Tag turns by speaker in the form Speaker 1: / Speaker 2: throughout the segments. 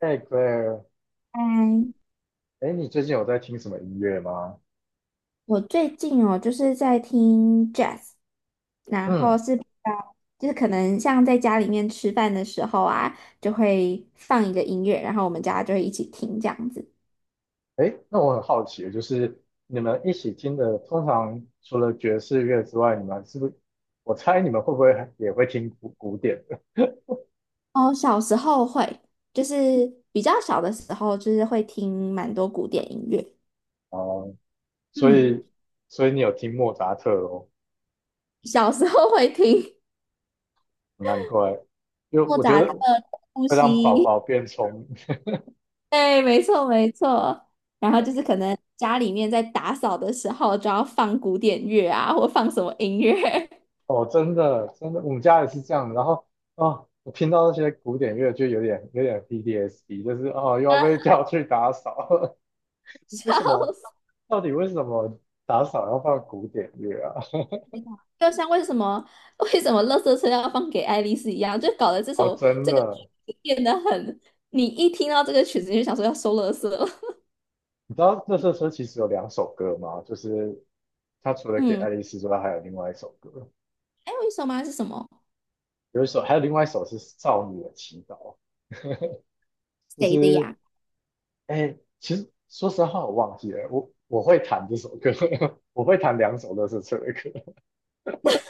Speaker 1: 哎，Claire，
Speaker 2: 嗯，
Speaker 1: 哎，你最近有在听什么音乐吗？
Speaker 2: 我最近哦，就是在听 jazz，然后
Speaker 1: 嗯，
Speaker 2: 是比较，就是可能像在家里面吃饭的时候啊，就会放一个音乐，然后我们家就会一起听这样子。
Speaker 1: 哎，那我很好奇，就是你们一起听的，通常除了爵士乐之外，你们是不是？我猜你们会不会还也会听古典的？
Speaker 2: 哦，小时候会，就是比较小的时候，就是会听蛮多古典音乐。
Speaker 1: 哦，所
Speaker 2: 嗯，
Speaker 1: 以，所以你有听莫扎特哦，
Speaker 2: 小时候会听
Speaker 1: 难怪，因为
Speaker 2: 莫
Speaker 1: 我觉
Speaker 2: 扎特、
Speaker 1: 得
Speaker 2: 呼
Speaker 1: 会让宝
Speaker 2: 吸。
Speaker 1: 宝变聪明。
Speaker 2: 对，没错没错。然后就是可能家里面在打扫的时候，就要放古典乐啊，或放什么音乐，
Speaker 1: 哦，真的，真的，我们家也是这样的然后，哦，我听到那些古典乐就有点 PTSD，就是哦，又要被 叫去打扫，为什
Speaker 2: 笑
Speaker 1: 么？
Speaker 2: 死
Speaker 1: 到底为什么打扫要放古典乐啊？
Speaker 2: 我！就像为什么《垃圾车》要放给爱丽丝一样，就搞得这
Speaker 1: 哦，
Speaker 2: 首
Speaker 1: 真
Speaker 2: 这个曲
Speaker 1: 的，
Speaker 2: 子变得很，你一听到这个曲子你就想说要收垃圾了。
Speaker 1: 你知道《乐色车》其实有两首歌吗？就是他除 了给
Speaker 2: 嗯，
Speaker 1: 爱丽丝之外，还有另外一首歌，
Speaker 2: 还有一首吗？是什么？
Speaker 1: 有一首，还有另外一首是《少女的祈祷》。就
Speaker 2: 谁的呀？
Speaker 1: 是
Speaker 2: 太
Speaker 1: 哎、其实说实话，我忘记了，我会弹这首歌，我会弹两首《乐色车》的歌。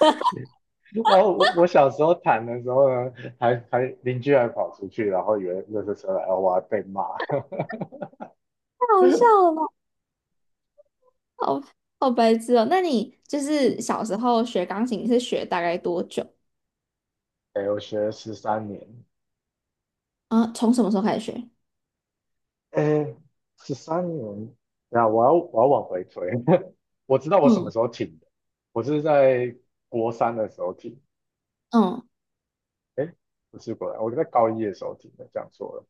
Speaker 1: 然后我小时候弹的时候呢，还邻居还跑出去，然后以为《乐色车》来然后我还被骂。
Speaker 2: 好笑 了吧，好好白痴哦！那你就是小时候学钢琴是学大概多久？
Speaker 1: 哎、我学了十三年。
Speaker 2: 啊，从什么时候开始学？
Speaker 1: 哎，十三年，对啊，我要往回推，我知道我什么时
Speaker 2: 嗯
Speaker 1: 候停的，我是在国三的时候停，
Speaker 2: 嗯
Speaker 1: 哎，不是国三，我在高一的时候停的，讲错了，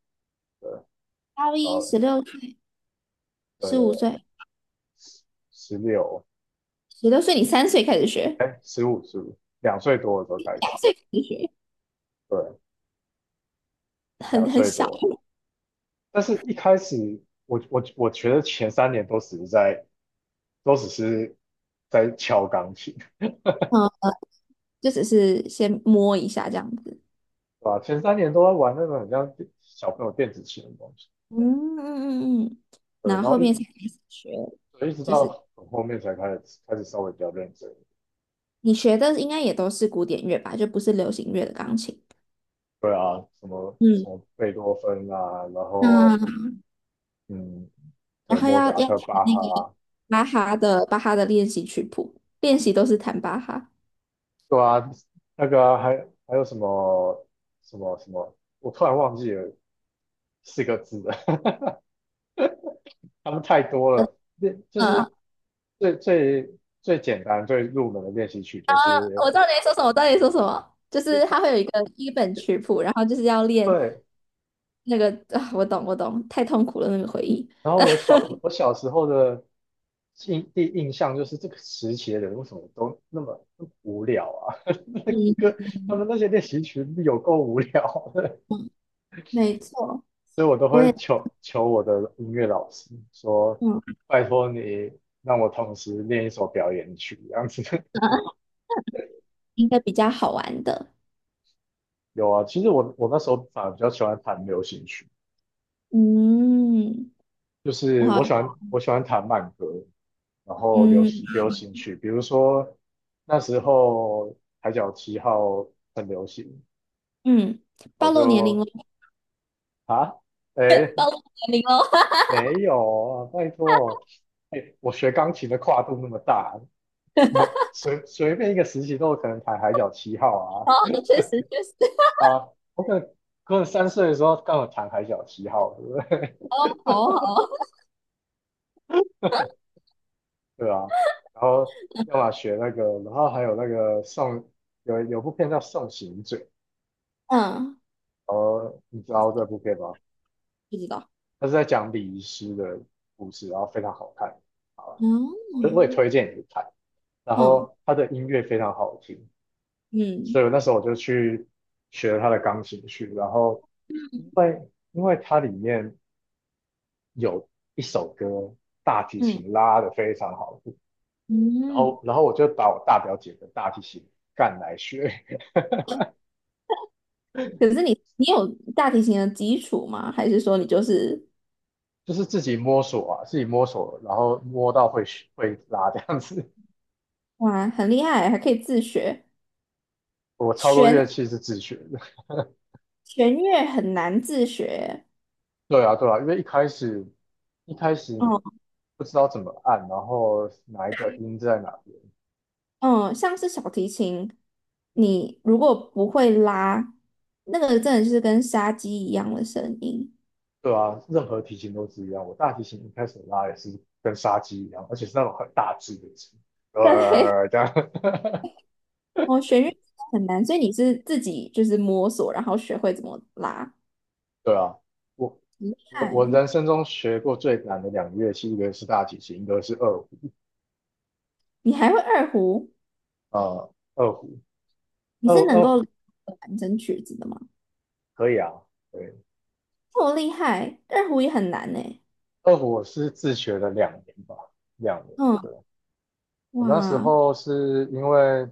Speaker 1: 对，
Speaker 2: 高
Speaker 1: 然
Speaker 2: 一
Speaker 1: 后
Speaker 2: 十六
Speaker 1: 对
Speaker 2: 十
Speaker 1: 对
Speaker 2: 五
Speaker 1: 对，
Speaker 2: 岁，
Speaker 1: 十六，
Speaker 2: 16岁你三岁开始学，
Speaker 1: 哎，十五十五，两岁多的时候开始，
Speaker 2: 三岁开始学，
Speaker 1: 对，两
Speaker 2: 很
Speaker 1: 岁
Speaker 2: 小，
Speaker 1: 多，但是一开始我觉得前三年都只是在都只是敲钢琴，
Speaker 2: 嗯，就只是先摸一下这样子，
Speaker 1: 对吧？前三年都在玩那种很像小朋友电子琴的东西。
Speaker 2: 嗯嗯嗯嗯，
Speaker 1: 对，
Speaker 2: 然
Speaker 1: 然
Speaker 2: 后
Speaker 1: 后
Speaker 2: 后
Speaker 1: 一
Speaker 2: 面才开始学，
Speaker 1: 对，一直
Speaker 2: 就
Speaker 1: 到
Speaker 2: 是
Speaker 1: 很后面才开始稍微比较认真。
Speaker 2: 你学的应该也都是古典乐吧，就不是流行乐的钢琴，
Speaker 1: 对啊，什么什
Speaker 2: 嗯，
Speaker 1: 么贝多芬啊，然后
Speaker 2: 那
Speaker 1: 嗯，
Speaker 2: 然
Speaker 1: 对，
Speaker 2: 后
Speaker 1: 莫
Speaker 2: 要
Speaker 1: 扎
Speaker 2: 要弹
Speaker 1: 特、巴
Speaker 2: 那
Speaker 1: 哈
Speaker 2: 个
Speaker 1: 啊，
Speaker 2: 巴哈的练习曲谱，练习都是弹巴哈，
Speaker 1: 对啊，那个啊还还有什么，我突然忘记了四个字了，他们太多了。练就
Speaker 2: 嗯，
Speaker 1: 是最最最简单、最入门的练习曲，就是
Speaker 2: 我知道你在说什么，我知道你在说什么，就
Speaker 1: 就
Speaker 2: 是
Speaker 1: 他
Speaker 2: 它会有一本曲谱，然后就是要练
Speaker 1: 对。
Speaker 2: 那个啊，我懂我懂，太痛苦了那个回忆。
Speaker 1: 然后我小时候的第一印象就是这个时期的人为什么都那么无聊啊？那个
Speaker 2: 嗯
Speaker 1: 歌他们那些练习曲有够无聊的，
Speaker 2: 嗯，没错，
Speaker 1: 所以我都
Speaker 2: 我也
Speaker 1: 会求求我的音乐老师说，
Speaker 2: 嗯，
Speaker 1: 拜托你让我同时练一首表演曲这样子。
Speaker 2: 应该比较好玩的。
Speaker 1: 有啊，其实我那时候反而比较喜欢弹流行曲，
Speaker 2: 嗯，
Speaker 1: 就是
Speaker 2: 哇，
Speaker 1: 我喜欢弹慢歌，然后流
Speaker 2: 嗯
Speaker 1: 流行曲，比如说那时候《海角七号》很流行。
Speaker 2: 嗯，
Speaker 1: 我
Speaker 2: 暴露年龄了，
Speaker 1: 就啊，哎，
Speaker 2: 暴露年龄了，
Speaker 1: 没有啊，拜托，哎，我学钢琴的跨度那么大，我随便一个时期都有可能弹海角七
Speaker 2: 好
Speaker 1: 号
Speaker 2: 好，确实确实，
Speaker 1: 啊啊，我可能可能三岁的时候刚好弹海角七号，对不对？
Speaker 2: 好好，
Speaker 1: 对啊，然后要么学那个，然后还有那个送有部片叫《送行者》，
Speaker 2: 嗯，
Speaker 1: 呃，你知道这部片吗？
Speaker 2: 不知道，
Speaker 1: 它是在讲礼仪师的故事，然后非常好看，好吧，我也
Speaker 2: 嗯
Speaker 1: 推荐你去看，然
Speaker 2: 嗯
Speaker 1: 后它的音乐非常好听。所
Speaker 2: 嗯
Speaker 1: 以我那时候我就去学了他的钢琴曲，然后因为因为它里面有一首歌大提
Speaker 2: 嗯
Speaker 1: 琴拉得非常好，然
Speaker 2: 嗯。
Speaker 1: 后然后我就把我大表姐的大提琴干来学，
Speaker 2: 可是你有大提琴的基础吗？还是说你就是
Speaker 1: 就是自己摸索啊，自己摸索，然后摸到会学会拉这样子。
Speaker 2: 哇很厉害，还可以自学？
Speaker 1: 我超多乐
Speaker 2: 弦
Speaker 1: 器是自学的，
Speaker 2: 弦乐很难自学，
Speaker 1: 对啊对啊，因为一开始你
Speaker 2: 嗯
Speaker 1: 不知道怎么按，然后哪一个音在哪边。
Speaker 2: 嗯，像是小提琴，你如果不会拉，那个真的是跟杀鸡一样的声音。
Speaker 1: 对啊，任何提琴都是一样。我大提琴一开始拉也是跟杀鸡一样，而且是那种很大只的鸡，
Speaker 2: 对，
Speaker 1: 呃，这样，
Speaker 2: 哦，弦乐真的很难，所以你是自己就是摸索，然后学会怎么拉。
Speaker 1: 对啊。我我人
Speaker 2: 嗨，
Speaker 1: 生中学过最难的两个乐器，一个是大提琴，一个是二胡。
Speaker 2: 你还会二胡？
Speaker 1: 呃，二胡，
Speaker 2: 你
Speaker 1: 二
Speaker 2: 是能
Speaker 1: 二胡
Speaker 2: 够弹整曲子的吗？
Speaker 1: 可以啊，对，
Speaker 2: 这么厉害，二胡也很难呢。
Speaker 1: 二胡我是自学了两年吧，两年。
Speaker 2: 嗯。
Speaker 1: 对，我那时
Speaker 2: 哇，
Speaker 1: 候是因为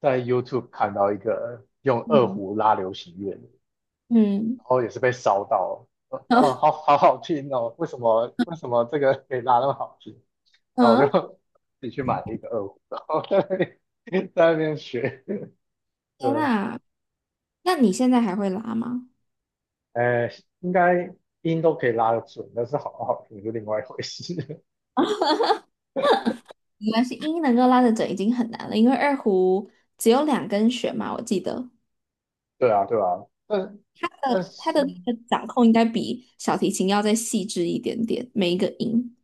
Speaker 1: 在 YouTube 看到一个用二
Speaker 2: 嗯，
Speaker 1: 胡拉流行乐的，
Speaker 2: 嗯
Speaker 1: 然后也是被烧到了，啊，
Speaker 2: 嗯，
Speaker 1: 哦，好 好好听哦，为什么这个可以拉那么好听？然后我就
Speaker 2: 嗯，
Speaker 1: 自己去买了一个二胡，然后 在那边 在那边学，
Speaker 2: 天
Speaker 1: 对，
Speaker 2: 呐，那你现在还会拉吗？
Speaker 1: 呃，应该音都可以拉得准，但是好不好听是另外一回事。
Speaker 2: 没关系，音能够拉得准已经很难了，因为二胡只有2根弦嘛，我记得
Speaker 1: 对啊，对啊，但但
Speaker 2: 它
Speaker 1: 是
Speaker 2: 的那个掌控应该比小提琴要再细致一点点，每一个音，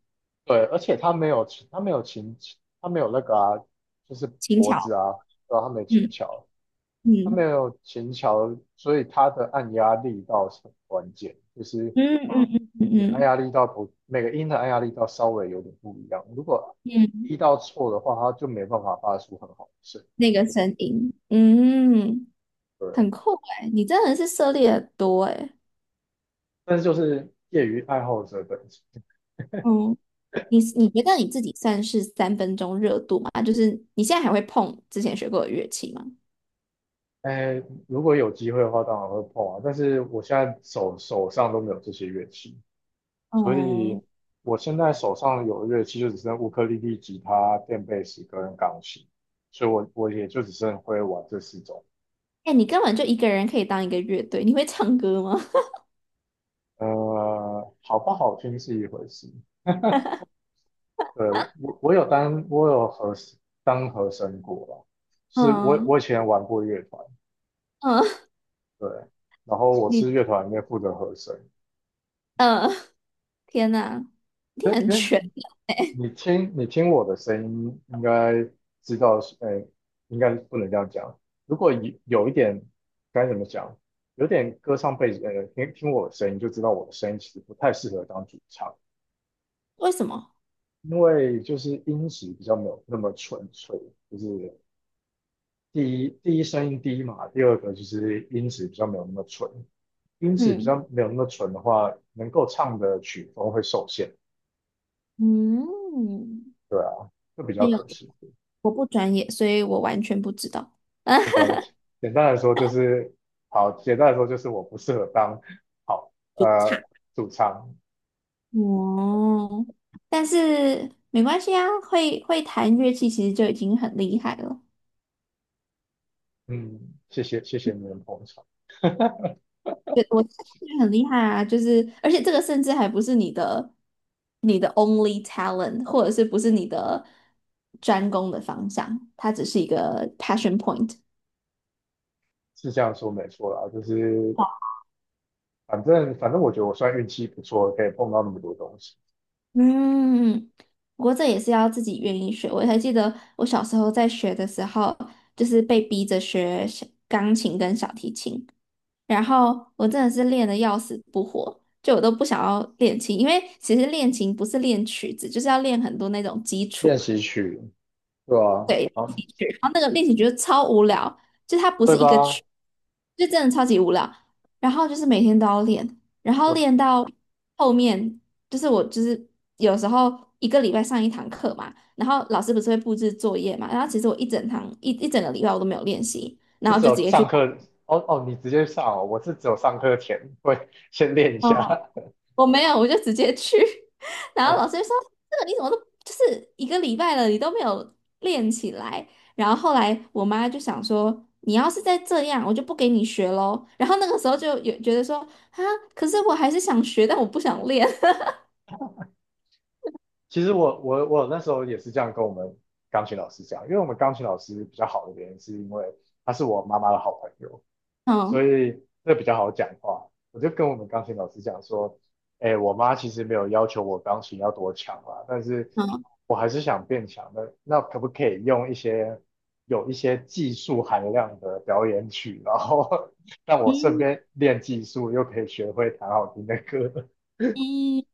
Speaker 1: 对，而且他没有琴，他没有琴，他没有那个啊，就是
Speaker 2: 轻
Speaker 1: 脖子
Speaker 2: 巧，
Speaker 1: 啊，对啊，他没有琴
Speaker 2: 嗯
Speaker 1: 桥。他没
Speaker 2: 嗯
Speaker 1: 有琴桥，所以他的按压力道是很关键，就是
Speaker 2: 嗯嗯嗯
Speaker 1: 你按
Speaker 2: 嗯
Speaker 1: 压力道不，每个音的按压力道稍微有点不一样。如果
Speaker 2: 嗯，嗯
Speaker 1: 力道错的话，它就没办法发出很好的声音
Speaker 2: 那个声音，嗯，很
Speaker 1: 对，
Speaker 2: 酷哎，你真的是涉猎得多哎，
Speaker 1: 但是就是业余爱好者本身。
Speaker 2: 你觉得你自己算是三分钟热度吗？就是你现在还会碰之前学过的乐器吗？
Speaker 1: 哎，如果有机会的话，当然会碰啊。但是我现在手上都没有这些乐器，所以
Speaker 2: 嗯，
Speaker 1: 我现在手上有的乐器就只剩乌克丽丽、吉他、电贝斯跟钢琴，所以我也就只剩会玩这四种。
Speaker 2: 哎，你根本就一个人可以当一个乐队，你会唱歌吗？
Speaker 1: 呃，好不好听是一回事，对，我当和声过啦，就是我
Speaker 2: 嗯
Speaker 1: 我以前玩过乐团，
Speaker 2: 嗯，
Speaker 1: 对，然后我是
Speaker 2: 你
Speaker 1: 乐团里面负责和声。
Speaker 2: 嗯，天哪，你
Speaker 1: 因
Speaker 2: 很
Speaker 1: 因为
Speaker 2: 全，
Speaker 1: 你听我的声音，应该知道是，哎，应该不能这样讲。如果有一点该怎么讲，有点歌唱背景，呃，听听我的声音就知道我的声音其实不太适合当主唱，
Speaker 2: 为什么？
Speaker 1: 因为就是音质比较没有那么纯粹，就是第一声音低嘛，第二个就是音质比较没有那么纯，音质比
Speaker 2: 嗯
Speaker 1: 较没有那么纯的话，能够唱的曲风会受限，
Speaker 2: 嗯，
Speaker 1: 对啊，就比较
Speaker 2: 没有，
Speaker 1: 可惜，
Speaker 2: 我不专业，所以我完全不知道。啊，
Speaker 1: 没关系。简单来说就是，好，简单来说就是我不适合当好
Speaker 2: 主
Speaker 1: 呃
Speaker 2: 唱
Speaker 1: 主唱，
Speaker 2: 哦，但是没关系啊，会弹乐器其实就已经很厉害了。
Speaker 1: 嗯，谢谢你们捧场，
Speaker 2: 我觉得这个很厉害啊，就是而且这个甚至还不是你的only talent，或者是不是你的专攻的方向，它只是一个 passion point。
Speaker 1: 是这样说没错啦，就是反正我觉得我算运气不错，可以碰到那么多东西，
Speaker 2: 嗯，不过这也是要自己愿意学。我还记得我小时候在学的时候，就是被逼着学小钢琴跟小提琴，然后我真的是练的要死不活，就我都不想要练琴，因为其实练琴不是练曲子，就是要练很多那种基
Speaker 1: 练
Speaker 2: 础
Speaker 1: 习曲，对啊，
Speaker 2: 对，练
Speaker 1: 好，
Speaker 2: 习曲，然后那个练习觉得超无聊，就它不
Speaker 1: 对
Speaker 2: 是一个
Speaker 1: 吧？
Speaker 2: 曲，就真的超级无聊。然后就是每天都要练，然后练
Speaker 1: 我
Speaker 2: 到后面，就是我就是有时候一个礼拜上一堂课嘛，然后老师不是会布置作业嘛，然后其实我一整个礼拜我都没有练习，然
Speaker 1: 是
Speaker 2: 后
Speaker 1: 只
Speaker 2: 就直
Speaker 1: 有
Speaker 2: 接
Speaker 1: 上
Speaker 2: 去。
Speaker 1: 课哦哦，你直接上哦，我是只有上课前会先练一下
Speaker 2: 我没有，我就直接去。然 后老
Speaker 1: 哦。
Speaker 2: 师就说：“这个你怎么都就是一个礼拜了，你都没有练起来。”然后后来我妈就想说：“你要是再这样，我就不给你学喽。”然后那个时候就有觉得说：“啊，可是我还是想学，但我不想练。
Speaker 1: 其实我那时候也是这样跟我们钢琴老师讲，因为我们钢琴老师比较好的原因是因为他是我妈妈的好朋友，所
Speaker 2: 嗯
Speaker 1: 以这比较好讲话。我就跟我们钢琴老师讲说，哎，我妈其实没有要求我钢琴要多强啦，但是
Speaker 2: 嗯
Speaker 1: 我还是想变强的。那可不可以用一些有一些技术含量的表演曲，然后 让我顺
Speaker 2: 嗯
Speaker 1: 便练技术，又可以学会弹好听的歌？
Speaker 2: 嗯。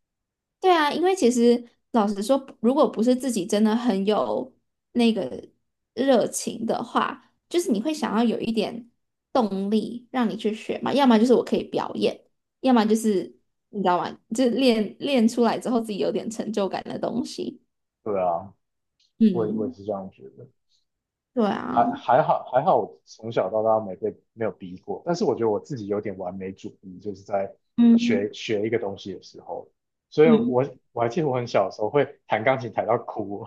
Speaker 2: 对啊，因为其实老实说，如果不是自己真的很有那个热情的话，就是你会想要有一点动力让你去学嘛，要么就是我可以表演，要么就是你知道吗？就是练出来之后自己有点成就感的东西。
Speaker 1: 对啊，我也
Speaker 2: 嗯，
Speaker 1: 是这样觉得。
Speaker 2: 对啊，
Speaker 1: 还好，我从小到大没有逼过，但是我觉得我自己有点完美主义，就是在
Speaker 2: 嗯
Speaker 1: 学一个东西的时候，所以
Speaker 2: 嗯，
Speaker 1: 我还记得我很小的时候会弹钢琴弹到哭，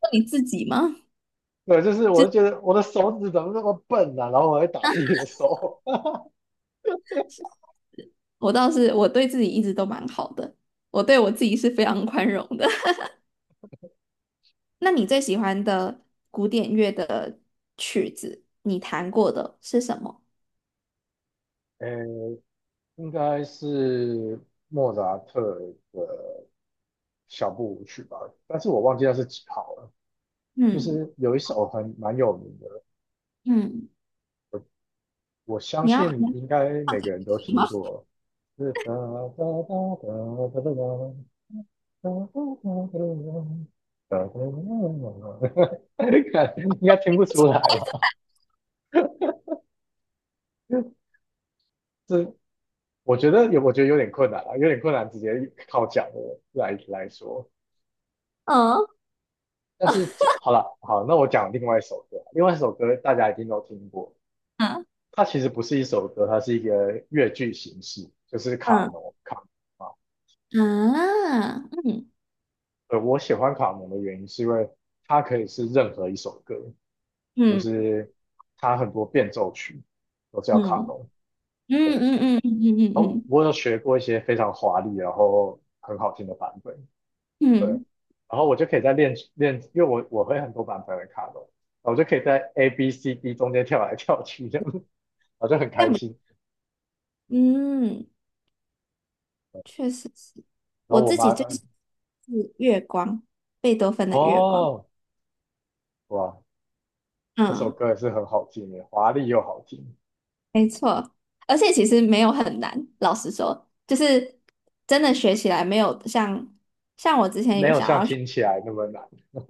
Speaker 2: 那你自己吗？
Speaker 1: 对，就是我就觉得我的手指怎么那么笨啊，然后我会打自己的手，
Speaker 2: 我倒是我对自己一直都蛮好的，我对我自己是非常宽容的。那你最喜欢的古典乐的曲子，你弹过的是什么？
Speaker 1: 呃，应该是莫扎特的小步舞曲吧，但是我忘记那是几号了，就
Speaker 2: 嗯
Speaker 1: 是有一首很蛮有名的，
Speaker 2: 嗯，
Speaker 1: 我相
Speaker 2: 你要
Speaker 1: 信
Speaker 2: 弹
Speaker 1: 应该每个人都
Speaker 2: 什
Speaker 1: 听
Speaker 2: 么？
Speaker 1: 过。哒哒哒哒哒哒哒哒哒哒哒，应该听不出来吧？是，我觉得有，我觉得有点困难啊，有点困难，直接靠讲的来说。
Speaker 2: 嗯
Speaker 1: 但是好了，好，那我讲另外一首歌，另外一首歌大家一定都听过，
Speaker 2: 嗯
Speaker 1: 它其实不是一首歌，它是一个越剧形式，就是卡农啊。
Speaker 2: 嗯啊嗯
Speaker 1: 我喜欢卡农的原因是因为它可以是任何一首歌，就
Speaker 2: 嗯嗯
Speaker 1: 是它很多变奏曲都叫卡
Speaker 2: 嗯
Speaker 1: 农。
Speaker 2: 嗯
Speaker 1: 对，
Speaker 2: 嗯嗯嗯
Speaker 1: 哦，
Speaker 2: 嗯
Speaker 1: 我有学过一些非常华丽，然后很好听的版本。对，
Speaker 2: 嗯，
Speaker 1: 然后我就可以在练练，因为我会很多版本的卡农，然后我就可以在 A B C D 中间跳来跳去这样，我就很
Speaker 2: 这
Speaker 1: 开
Speaker 2: 样比
Speaker 1: 心。
Speaker 2: 嗯，确实是
Speaker 1: 然后
Speaker 2: 我
Speaker 1: 我
Speaker 2: 自己
Speaker 1: 妈，
Speaker 2: 最喜欢是月光，贝多芬的月光。
Speaker 1: 哦，哇，那首
Speaker 2: 嗯。
Speaker 1: 歌也是很好听的，华丽又好听，
Speaker 2: 没错，而且其实没有很难，老实说，就是真的学起来没有像我之前
Speaker 1: 没
Speaker 2: 有
Speaker 1: 有
Speaker 2: 想
Speaker 1: 像
Speaker 2: 要学，
Speaker 1: 听起来那么难。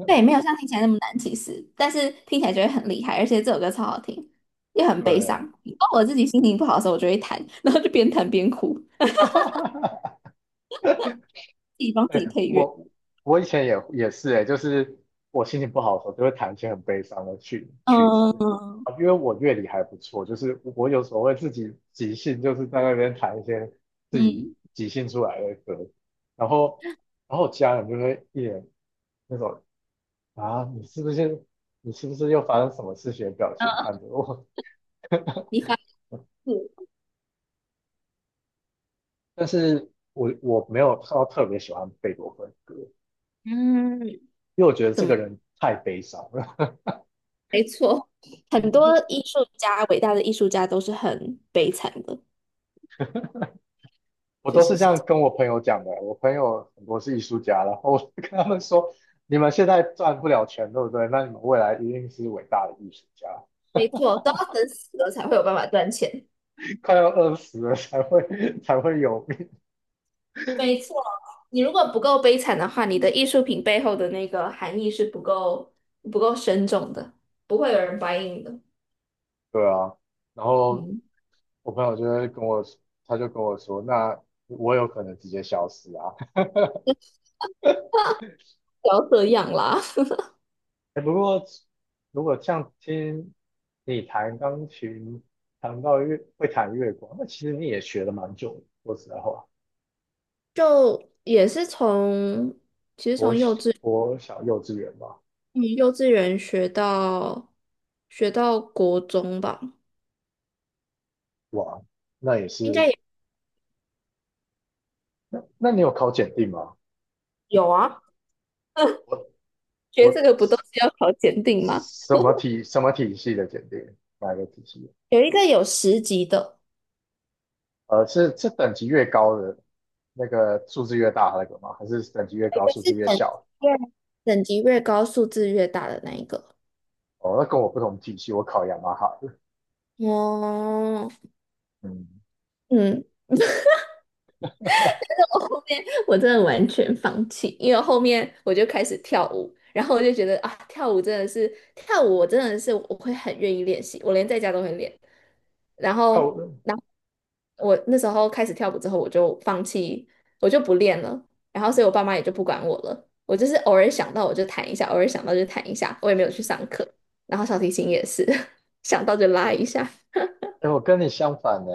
Speaker 2: 对，没有像听起来那么难，其实，但是听起来就会很厉害，而且这首歌超好听，又很悲伤。
Speaker 1: 对。
Speaker 2: 然后我自己心情不好的时候，我就会弹，然后就边弹边哭，自己帮自己
Speaker 1: 哎，
Speaker 2: 配乐。
Speaker 1: 我以前也是哎，就是我心情不好的时候，就会弹一些很悲伤的曲子
Speaker 2: 嗯
Speaker 1: 啊，因为我乐理还不错，就是我有时候会自己即兴，就是在那边弹一些自己
Speaker 2: 嗯
Speaker 1: 即兴出来的歌，然后家人就会一脸那种啊，你是不是又发生什么事情的表情
Speaker 2: 嗯，
Speaker 1: 看着我，
Speaker 2: 你发誓，
Speaker 1: 但是我没有特别喜欢贝多芬的歌，
Speaker 2: 嗯，
Speaker 1: 因为我觉得这个人太悲伤了。
Speaker 2: 没错，很 多艺术家，伟大的艺术家都是很悲惨的，
Speaker 1: 我
Speaker 2: 确
Speaker 1: 都
Speaker 2: 实
Speaker 1: 是这
Speaker 2: 是这
Speaker 1: 样
Speaker 2: 样，
Speaker 1: 跟我朋友讲的。我朋友很多是艺术家，然后我就跟他们说："你们现在赚不了钱，对不对？那你们未来一定是伟大的艺术家，
Speaker 2: 没错，都要等死了才会有办法赚钱。
Speaker 1: 快要饿死了才会 才会有命。"
Speaker 2: 没错，你如果不够悲惨的话，你的艺术品背后的那个含义是不够深重的，不会有人 buy in 的。
Speaker 1: 对啊。然后
Speaker 2: 嗯，
Speaker 1: 我朋友就会跟我，他就跟我说："那我有可能直接消失啊。
Speaker 2: 不要这样啦
Speaker 1: 哎，不过如果像听你弹钢琴，弹到月会弹月光，那其实你也学了蛮久的。说实在话，
Speaker 2: 就也是从其实
Speaker 1: 我
Speaker 2: 从
Speaker 1: 小我小幼稚园吧。
Speaker 2: 幼稚园学到国中吧，
Speaker 1: 哇，那也
Speaker 2: 应该
Speaker 1: 是，
Speaker 2: 也
Speaker 1: 那你有考检定吗？
Speaker 2: 有啊。
Speaker 1: 我
Speaker 2: 学这
Speaker 1: 我
Speaker 2: 个不都是要考检定吗？
Speaker 1: 什么 体什么体系的检定？哪个体系？
Speaker 2: 有一个有10级的，
Speaker 1: 呃，是等级越高的那个数字越大那个吗？还是等级越
Speaker 2: 有一
Speaker 1: 高
Speaker 2: 个
Speaker 1: 数
Speaker 2: 是
Speaker 1: 字越小？
Speaker 2: 越等级越高，数字越大的那一个。
Speaker 1: 哦，那跟我不同体系，我考雅马哈的
Speaker 2: 哦，
Speaker 1: 嗯，
Speaker 2: 嗯，我后面我真的完全放弃，因为后面我就开始跳舞，然后我就觉得啊，跳舞真的是跳舞，我真的是我会很愿意练习，我连在家都会练。然
Speaker 1: 跳
Speaker 2: 后，
Speaker 1: 舞，
Speaker 2: 然后，我那时候开始跳舞之后，我就放弃，我就不练了。然后，所以我爸妈也就不管我了。我就是偶尔想到我就弹一下，偶尔想到就弹一下，我也没有去上课。然后小提琴也是 想到就拉一下。
Speaker 1: 哎，我跟你相反呢，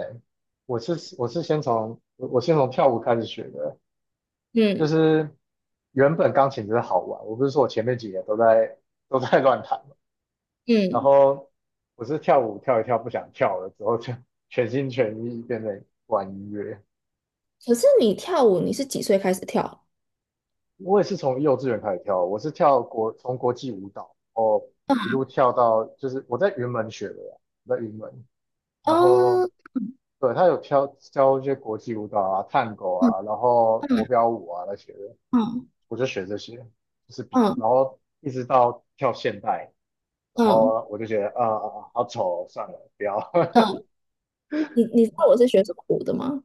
Speaker 1: 我是先从我先从跳舞开始学的，就
Speaker 2: 嗯
Speaker 1: 是原本钢琴只是好玩，我不是说我前面几年都在乱弹，然
Speaker 2: 嗯，
Speaker 1: 后我是跳舞跳一跳不想跳了之后，就 全心全意变成玩音乐。
Speaker 2: 可是你跳舞，你是几岁开始跳？
Speaker 1: 我也是从幼稚园开始跳，我是跳国从国际舞蹈，哦，一路
Speaker 2: 嗯，
Speaker 1: 跳到就是我在云门学的啦，我在云门，然后
Speaker 2: 哦
Speaker 1: 对他有跳教一些国际舞蹈啊、探戈
Speaker 2: 嗯
Speaker 1: 啊，然后国
Speaker 2: 嗯
Speaker 1: 标舞啊那些的，
Speaker 2: 嗯
Speaker 1: 我就学这些，就是比
Speaker 2: 嗯
Speaker 1: 然后一直到跳现代，然
Speaker 2: 嗯，
Speaker 1: 后我就觉得啊啊啊好丑哦，算了，不要，
Speaker 2: 嗯，你知道我是学什么舞的吗？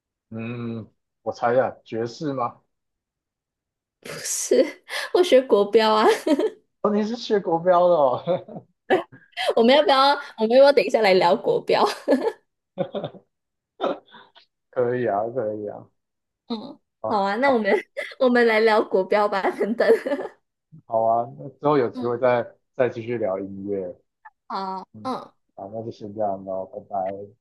Speaker 1: 嗯。我猜一下，爵士吗？
Speaker 2: 不是，我学国标啊。
Speaker 1: 哦，你是学国标的哦，
Speaker 2: 我们要不要？我们要不要等一下来聊国标？
Speaker 1: 可以啊，可以啊，
Speaker 2: 嗯，好
Speaker 1: 好，
Speaker 2: 啊，那我
Speaker 1: 好，
Speaker 2: 们 我们来聊国标吧。等等，
Speaker 1: 好啊，那之后有机会
Speaker 2: 嗯，
Speaker 1: 再继续聊音乐，
Speaker 2: 好，
Speaker 1: 嗯，
Speaker 2: 嗯。
Speaker 1: 好，那就先这样咯，拜拜。